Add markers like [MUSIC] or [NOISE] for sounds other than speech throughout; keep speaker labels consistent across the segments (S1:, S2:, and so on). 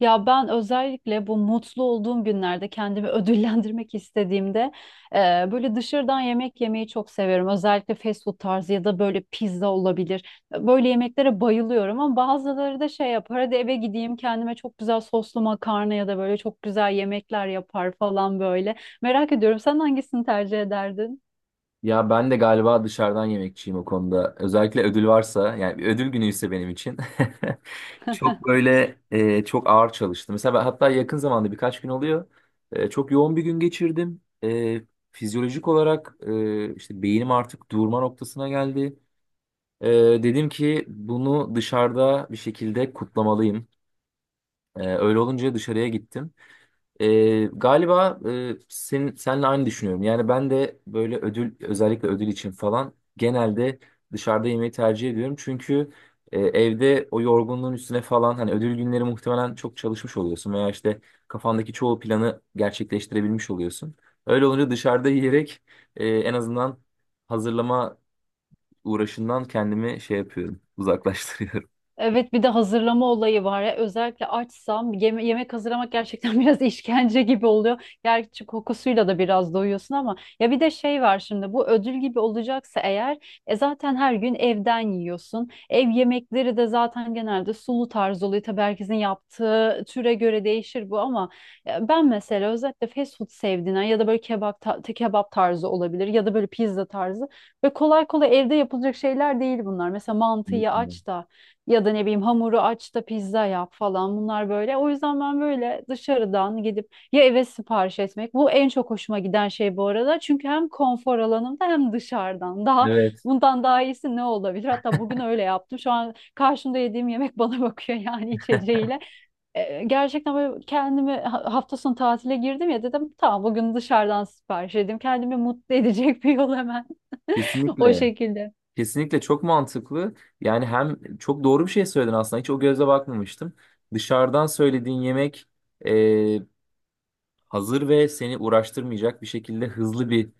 S1: Ya ben özellikle bu mutlu olduğum günlerde kendimi [LAUGHS] ödüllendirmek istediğimde e, böyle dışarıdan yemek yemeyi çok seviyorum. Özellikle fast food tarzı ya da böyle pizza olabilir. Böyle yemeklere bayılıyorum ama bazıları da şey yapar. Hadi eve gideyim kendime çok güzel soslu makarna ya da böyle çok güzel yemekler yapar falan böyle. Merak ediyorum sen hangisini tercih ederdin?
S2: Ya ben de galiba dışarıdan yemekçiyim o konuda. Özellikle ödül varsa yani bir ödül günü ise benim için [LAUGHS] çok
S1: [LAUGHS]
S2: böyle çok ağır çalıştım. Mesela ben hatta yakın zamanda birkaç gün oluyor. Çok yoğun bir gün geçirdim. Fizyolojik olarak işte beynim artık durma noktasına geldi. E, Dedim ki bunu dışarıda bir şekilde kutlamalıyım. Öyle olunca dışarıya gittim. Galiba senle aynı düşünüyorum. Yani ben de böyle ödül, özellikle ödül için falan, genelde dışarıda yemeği tercih ediyorum. Çünkü evde o yorgunluğun üstüne falan hani ödül günleri muhtemelen çok çalışmış oluyorsun veya işte kafandaki çoğu planı gerçekleştirebilmiş oluyorsun. Öyle olunca dışarıda yiyerek en azından hazırlama uğraşından kendimi şey yapıyorum, uzaklaştırıyorum.
S1: Evet, bir de hazırlama olayı var ya, özellikle açsam yemek hazırlamak gerçekten [LAUGHS] biraz işkence gibi oluyor. Gerçi kokusuyla da biraz doyuyorsun ama ya bir de şey var şimdi bu ödül gibi olacaksa eğer e zaten her gün evden yiyorsun. Ev yemekleri de zaten genelde sulu tarz oluyor. Tabii herkesin yaptığı türe göre değişir bu ama ben mesela özellikle fast food sevdiğinden ya da böyle kebap tarzı olabilir ya da böyle pizza tarzı ve kolay kolay evde yapılacak şeyler değil bunlar. Mesela mantıyı
S2: Kesinlikle.
S1: aç da ya da ne bileyim hamuru aç da pizza yap falan bunlar böyle. O yüzden ben böyle dışarıdan gidip ya eve sipariş etmek. Bu en çok hoşuma giden şey bu arada. Çünkü hem konfor alanımda hem dışarıdan. Daha
S2: Evet.
S1: bundan daha iyisi ne olabilir? Hatta bugün öyle yaptım. Şu an karşımda yediğim yemek [LAUGHS] bana bakıyor yani içeceğiyle. Gerçekten böyle kendimi hafta sonu tatile girdim ya, dedim tamam bugün dışarıdan sipariş edeyim. Kendimi mutlu edecek [LAUGHS] bir yol hemen [LAUGHS] o
S2: Kesinlikle.
S1: şekilde.
S2: Kesinlikle çok mantıklı. Yani hem çok doğru bir şey söyledin aslında. Hiç o gözle bakmamıştım. Dışarıdan söylediğin yemek hazır ve seni uğraştırmayacak bir şekilde, hızlı bir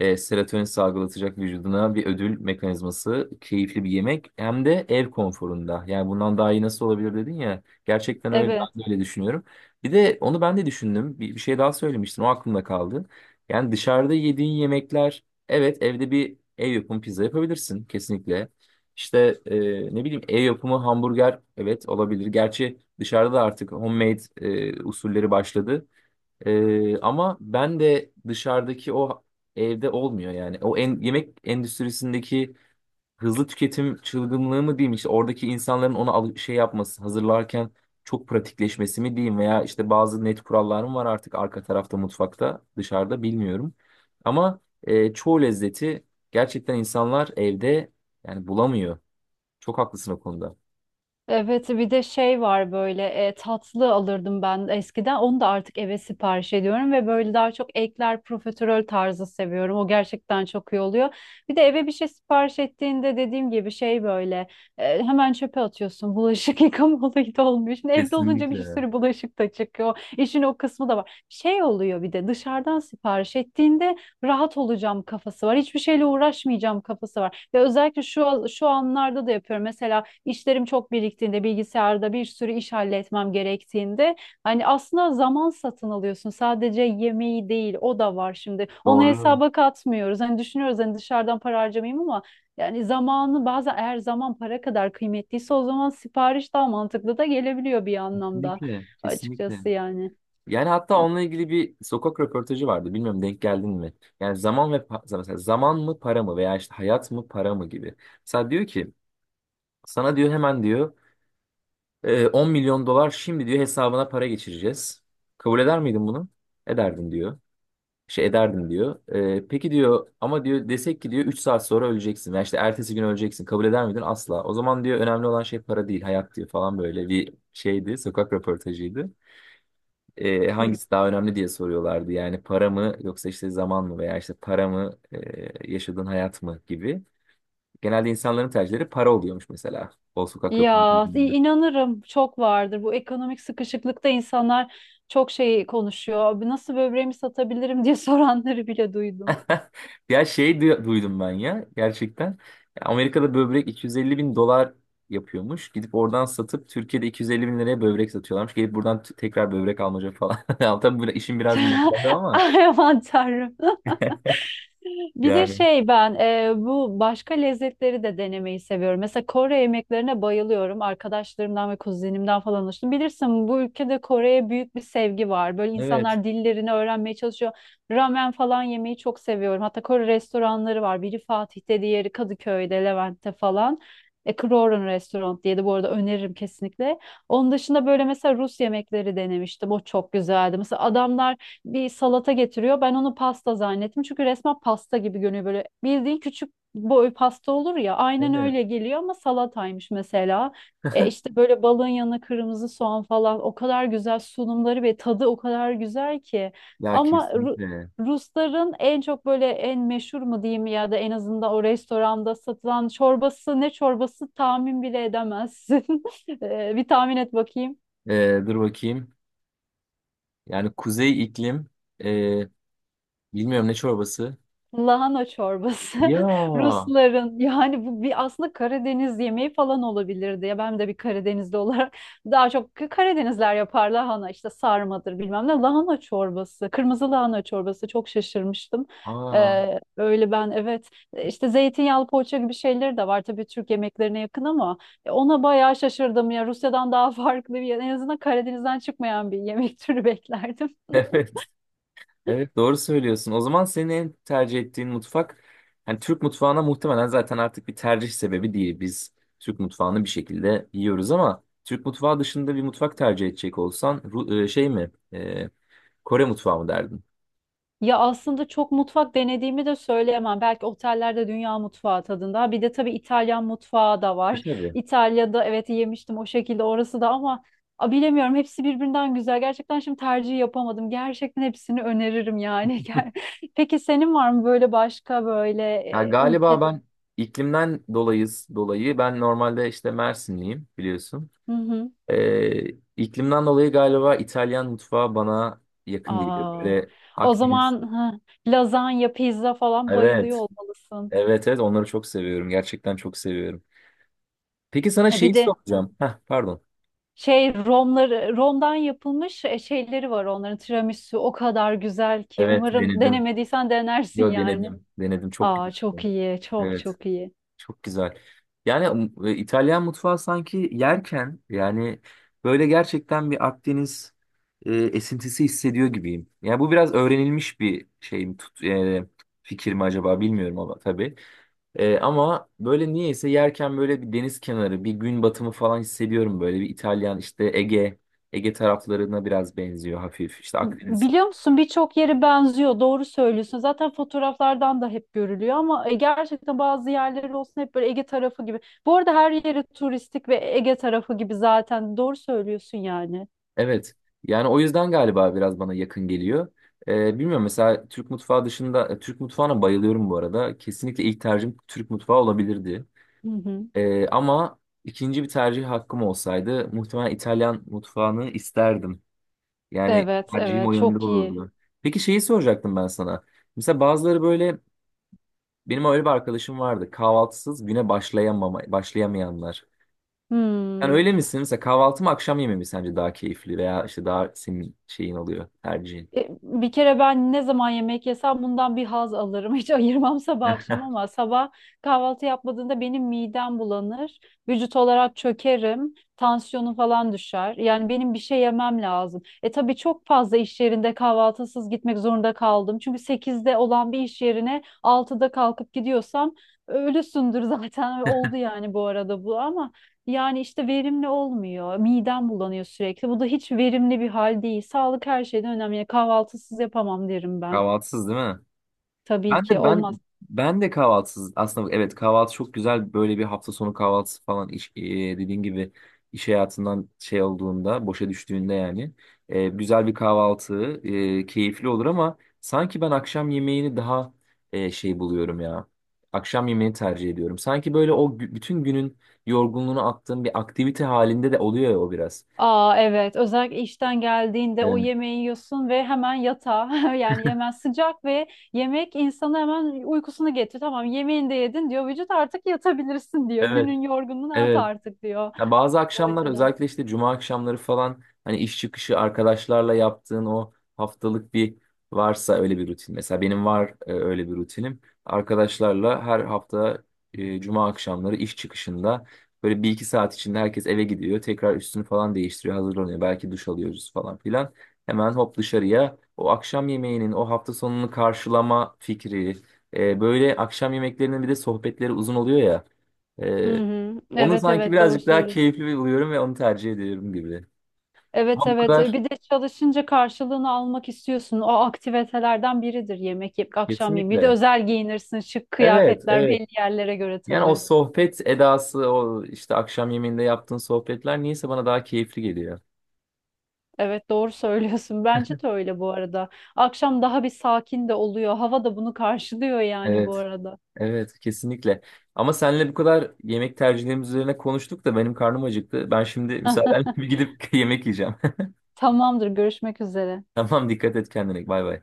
S2: serotonin salgılatacak vücuduna bir ödül mekanizması, keyifli bir yemek, hem de ev konforunda. Yani bundan daha iyi nasıl olabilir dedin ya. Gerçekten öyle,
S1: Evet.
S2: ben de öyle düşünüyorum. Bir de onu ben de düşündüm. Bir şey daha söylemiştin, o aklımda kaldı. Yani dışarıda yediğin yemekler, evet, evde bir ev yapımı pizza yapabilirsin kesinlikle. İşte ne bileyim ev yapımı hamburger, evet, olabilir. Gerçi dışarıda da artık homemade usulleri başladı. Ama ben de dışarıdaki o evde olmuyor yani. O en, yemek endüstrisindeki hızlı tüketim çılgınlığı mı diyeyim, işte oradaki insanların ona şey yapması, hazırlarken çok pratikleşmesi mi diyeyim, veya işte bazı net kurallarım var artık arka tarafta mutfakta, dışarıda bilmiyorum. Ama çoğu lezzeti gerçekten insanlar evde yani bulamıyor. Çok haklısın o konuda.
S1: Evet bir de şey var böyle, tatlı alırdım ben eskiden, onu da artık eve sipariş ediyorum ve böyle daha çok ekler profiterol tarzı seviyorum, o gerçekten çok iyi oluyor. Bir de eve bir şey sipariş ettiğinde dediğim gibi şey böyle, hemen çöpe atıyorsun, bulaşık [LAUGHS] yıkama da olmuyor. Şimdi evde olunca bir
S2: Kesinlikle.
S1: sürü bulaşık da çıkıyor, işin o kısmı da var. Şey oluyor bir de dışarıdan sipariş ettiğinde rahat olacağım kafası var, hiçbir şeyle uğraşmayacağım kafası var. Ve özellikle şu anlarda da yapıyorum mesela, işlerim çok biriktiğinde, bilgisayarda bir sürü iş halletmem gerektiğinde hani aslında zaman satın alıyorsun. Sadece yemeği değil, o da var şimdi. Onu
S2: Doğru.
S1: hesaba katmıyoruz. Hani düşünüyoruz hani dışarıdan para harcamayayım ama yani zamanı bazen, eğer zaman para kadar kıymetliyse o zaman sipariş daha mantıklı da gelebiliyor bir anlamda,
S2: Kesinlikle, kesinlikle.
S1: açıkçası yani.
S2: Yani hatta
S1: Hı.
S2: onunla ilgili bir sokak röportajı vardı. Bilmiyorum, denk geldin mi? Yani zaman ve mesela zaman mı para mı, veya işte hayat mı para mı gibi. Mesela diyor ki, sana diyor, hemen diyor 10 milyon dolar şimdi diyor hesabına para geçireceğiz. Kabul eder miydin bunu? Ederdin diyor. Şey ederdim diyor. E, peki diyor, ama diyor, desek ki diyor 3 saat sonra öleceksin, ya işte ertesi gün öleceksin, kabul eder miydin? Asla. O zaman diyor, önemli olan şey para değil, hayat diyor falan, böyle bir şeydi. Sokak röportajıydı, hangisi daha önemli diye soruyorlardı. Yani para mı yoksa işte zaman mı, veya işte para mı yaşadığın hayat mı gibi. Genelde insanların tercihleri para oluyormuş, mesela, o sokak
S1: Ya
S2: röportajında.
S1: inanırım, çok vardır. Bu ekonomik sıkışıklıkta insanlar çok şey konuşuyor. Abi nasıl böbreğimi satabilirim [LAUGHS] diye soranları bile duydum.
S2: Ya şey duydum ben ya gerçekten. Amerika'da böbrek 250 bin dolar yapıyormuş. Gidip oradan satıp Türkiye'de 250 bin liraya böbrek satıyorlarmış. Gelip buradan tekrar böbrek almaca falan. [LAUGHS] Ya tabii bu işin biraz mizahı
S1: [LAUGHS]
S2: ama
S1: Ay aman tanrım.
S2: [LAUGHS]
S1: Bir de
S2: yani.
S1: şey, ben bu başka lezzetleri de denemeyi seviyorum. Mesela Kore yemeklerine bayılıyorum. Arkadaşlarımdan ve kuzenimden falan alıştım. Bilirsin bu ülkede Kore'ye büyük bir sevgi var. Böyle
S2: Evet.
S1: insanlar dillerini öğrenmeye çalışıyor. Ramen falan yemeyi çok seviyorum. Hatta Kore restoranları var. Biri Fatih'te, diğeri Kadıköy'de, Levent'te falan. Kroron Restaurant diye de bu arada öneririm kesinlikle. Onun dışında böyle mesela Rus yemekleri denemiştim. O çok güzeldi. Mesela adamlar bir salata getiriyor. Ben onu pasta zannettim. Çünkü resmen pasta gibi görünüyor böyle. Bildiğin küçük boy pasta olur ya. Aynen
S2: Evet.
S1: öyle geliyor ama salataymış mesela. E işte böyle balığın yanına kırmızı soğan falan. O kadar güzel sunumları ve tadı o kadar güzel ki.
S2: Ya
S1: Ama
S2: kesinlikle.
S1: Rusların en çok böyle en meşhur mu diyeyim ya da en azından o restoranda satılan çorbası ne çorbası tahmin bile edemezsin. [LAUGHS] Bir tahmin et bakayım.
S2: Dur bakayım. Yani kuzey iklim, e, bilmiyorum, ne çorbası.
S1: Lahana çorbası.
S2: Ya
S1: [LAUGHS]
S2: aa,
S1: Rusların, yani bu bir aslında Karadeniz yemeği falan olabilirdi. Ya ben de bir Karadenizli olarak [LAUGHS] daha çok Karadenizler yapar lahana işte, sarmadır bilmem ne. Lahana çorbası, kırmızı lahana çorbası, çok şaşırmıştım.
S2: [LAUGHS]
S1: Öyle ben, evet işte zeytinyağlı poğaça gibi şeyleri de var tabii, Türk yemeklerine yakın ama ona bayağı şaşırdım ya, Rusya'dan daha [LAUGHS] farklı, bir en azından Karadeniz'den çıkmayan bir yemek türü beklerdim. [LAUGHS]
S2: evet evet, doğru söylüyorsun. O zaman senin en tercih ettiğin mutfak, yani Türk mutfağına muhtemelen, zaten artık bir tercih sebebi değil. Biz Türk mutfağını bir şekilde yiyoruz ama Türk mutfağı dışında bir mutfak tercih edecek olsan, şey mi, Kore mutfağı mı derdin?
S1: Ya aslında çok mutfak denediğimi de söyleyemem. Belki otellerde dünya mutfağı tadında. Bir de tabii İtalyan mutfağı da
S2: E,
S1: var.
S2: tabii.
S1: İtalya'da evet yemiştim o şekilde, orası da ama a, bilemiyorum, hepsi birbirinden güzel. Gerçekten şimdi tercih yapamadım. Gerçekten hepsini öneririm yani. [LAUGHS] Peki senin var mı böyle başka böyle
S2: Ha, galiba
S1: ülkede?
S2: ben iklimden dolayız dolayı ben normalde işte Mersinliyim, biliyorsun.
S1: Hı hı.
S2: Ee, iklimden dolayı galiba İtalyan mutfağı bana yakın geliyor.
S1: Aa,
S2: Böyle
S1: o
S2: Akdeniz.
S1: zaman ha, lazanya, pizza falan bayılıyor
S2: Evet.
S1: olmalısın.
S2: Evet evet, onları çok seviyorum. Gerçekten çok seviyorum. Peki sana
S1: Ya
S2: şeyi
S1: bir de
S2: soracağım. Heh, pardon.
S1: şey, romları, romdan yapılmış şeyleri var, onların tiramisu o kadar güzel ki.
S2: Evet,
S1: Umarım
S2: denedim.
S1: denemediysen denersin
S2: Yo
S1: yani.
S2: denedim. Denedim. Çok
S1: Aa
S2: güzel.
S1: çok iyi, çok
S2: Evet.
S1: çok iyi.
S2: Çok güzel. Yani İtalyan mutfağı sanki yerken yani böyle gerçekten bir Akdeniz esintisi hissediyor gibiyim. Yani bu biraz öğrenilmiş bir şey mi, fikir mi acaba, bilmiyorum ama tabii. Ama böyle niyeyse yerken böyle bir deniz kenarı, bir gün batımı falan hissediyorum böyle. Bir İtalyan işte Ege taraflarına biraz benziyor hafif. İşte Akdeniz.
S1: Biliyor musun, birçok yeri benziyor. Doğru söylüyorsun. Zaten fotoğraflardan da hep görülüyor ama gerçekten bazı yerleri olsun hep böyle Ege tarafı gibi. Bu arada her yeri turistik ve Ege tarafı gibi zaten. Doğru söylüyorsun yani.
S2: Evet. Yani o yüzden galiba biraz bana yakın geliyor. Bilmiyorum, mesela Türk mutfağı dışında, Türk mutfağına bayılıyorum bu arada. Kesinlikle ilk tercihim Türk mutfağı olabilirdi.
S1: Hı hı.
S2: Ama ikinci bir tercih hakkım olsaydı muhtemelen İtalyan mutfağını isterdim. Yani
S1: Evet,
S2: tercihim o
S1: evet,
S2: yönde
S1: çok iyi.
S2: olurdu. Peki şeyi soracaktım ben sana. Mesela bazıları böyle, benim öyle bir arkadaşım vardı. Kahvaltısız güne başlayamama, başlayamayanlar. Yani
S1: Hmm.
S2: öyle misin? Mesela kahvaltı mı akşam yemeği mi sence daha keyifli, veya işte daha senin şeyin oluyor, tercihin?
S1: Bir kere ben ne zaman yemek yesem bundan bir haz alırım. [LAUGHS] Hiç ayırmam sabah akşam, ama
S2: [LAUGHS]
S1: sabah kahvaltı yapmadığında benim midem bulanır. Vücut olarak çökerim. Tansiyonum falan düşer. Yani benim bir şey yemem lazım. E tabii çok fazla iş yerinde kahvaltısız gitmek zorunda kaldım. Çünkü sekizde olan bir iş yerine altıda kalkıp gidiyorsam ölüsündür [LAUGHS] zaten. Oldu yani bu arada bu ama. Yani işte verimli olmuyor. Midem bulanıyor sürekli. Bu da hiç verimli bir hal değil. Sağlık her şeyden önemli. Yani kahvaltısız yapamam derim ben.
S2: Kahvaltısız değil mi?
S1: Tabii
S2: Ben
S1: ki
S2: de ben
S1: olmaz.
S2: ben de kahvaltısız, aslında evet, kahvaltı çok güzel, böyle bir hafta sonu kahvaltısı falan, dediğin gibi iş hayatından şey olduğunda, boşa düştüğünde yani, güzel bir kahvaltı keyifli olur ama sanki ben akşam yemeğini daha şey buluyorum ya, akşam yemeğini tercih ediyorum sanki, böyle o bütün günün yorgunluğunu attığım bir aktivite halinde de oluyor ya o biraz.
S1: Aa evet, özellikle işten geldiğinde o
S2: Evet.
S1: yemeği yiyorsun ve hemen yatağa [LAUGHS] yani hemen sıcak ve yemek insanı hemen uykusunu getiriyor. Tamam yemeğini de yedin diyor vücut, artık yatabilirsin diyor.
S2: Evet,
S1: Günün yorgunluğunu at
S2: evet.
S1: artık diyor,
S2: Ya bazı
S1: o
S2: akşamlar
S1: açıdan.
S2: özellikle işte cuma akşamları falan, hani iş çıkışı arkadaşlarla yaptığın o haftalık bir varsa öyle bir rutin. Mesela benim var öyle bir rutinim. Arkadaşlarla her hafta cuma akşamları iş çıkışında böyle bir iki saat içinde herkes eve gidiyor. Tekrar üstünü falan değiştiriyor, hazırlanıyor. Belki duş alıyoruz falan filan. Hemen hop dışarıya, o akşam yemeğinin, o hafta sonunu karşılama fikri. Böyle akşam yemeklerinin bir de sohbetleri uzun oluyor ya.
S1: Hı
S2: Ee,
S1: hı.
S2: Onu
S1: Evet
S2: sanki
S1: evet, doğru
S2: birazcık daha
S1: söylüyorsun.
S2: keyifli buluyorum ve onu tercih ediyorum gibi. Ama
S1: Evet
S2: bu
S1: evet,
S2: kadar,
S1: bir de çalışınca karşılığını almak istiyorsun. O aktivitelerden biridir yemek yiyip akşam yemeği. Bir de
S2: kesinlikle.
S1: özel giyinirsin, şık
S2: Evet,
S1: kıyafetler
S2: evet.
S1: belli yerlere göre
S2: Yani o
S1: tabii.
S2: sohbet edası, o işte akşam yemeğinde yaptığın sohbetler niyeyse bana daha keyifli geliyor.
S1: Evet doğru söylüyorsun. [LAUGHS] Bence de öyle bu arada. Akşam daha bir sakin de oluyor. Hava da bunu karşılıyor yani bu
S2: Evet,
S1: arada.
S2: evet, kesinlikle. Ama seninle bu kadar yemek tercihlerimiz üzerine konuştuk da benim karnım acıktı. Ben şimdi
S1: [LAUGHS]
S2: müsaadenle bir gidip [LAUGHS] yemek yiyeceğim. [LAUGHS]
S1: Tamamdır, görüşmek üzere.
S2: Tamam, dikkat et kendine. Bay bay.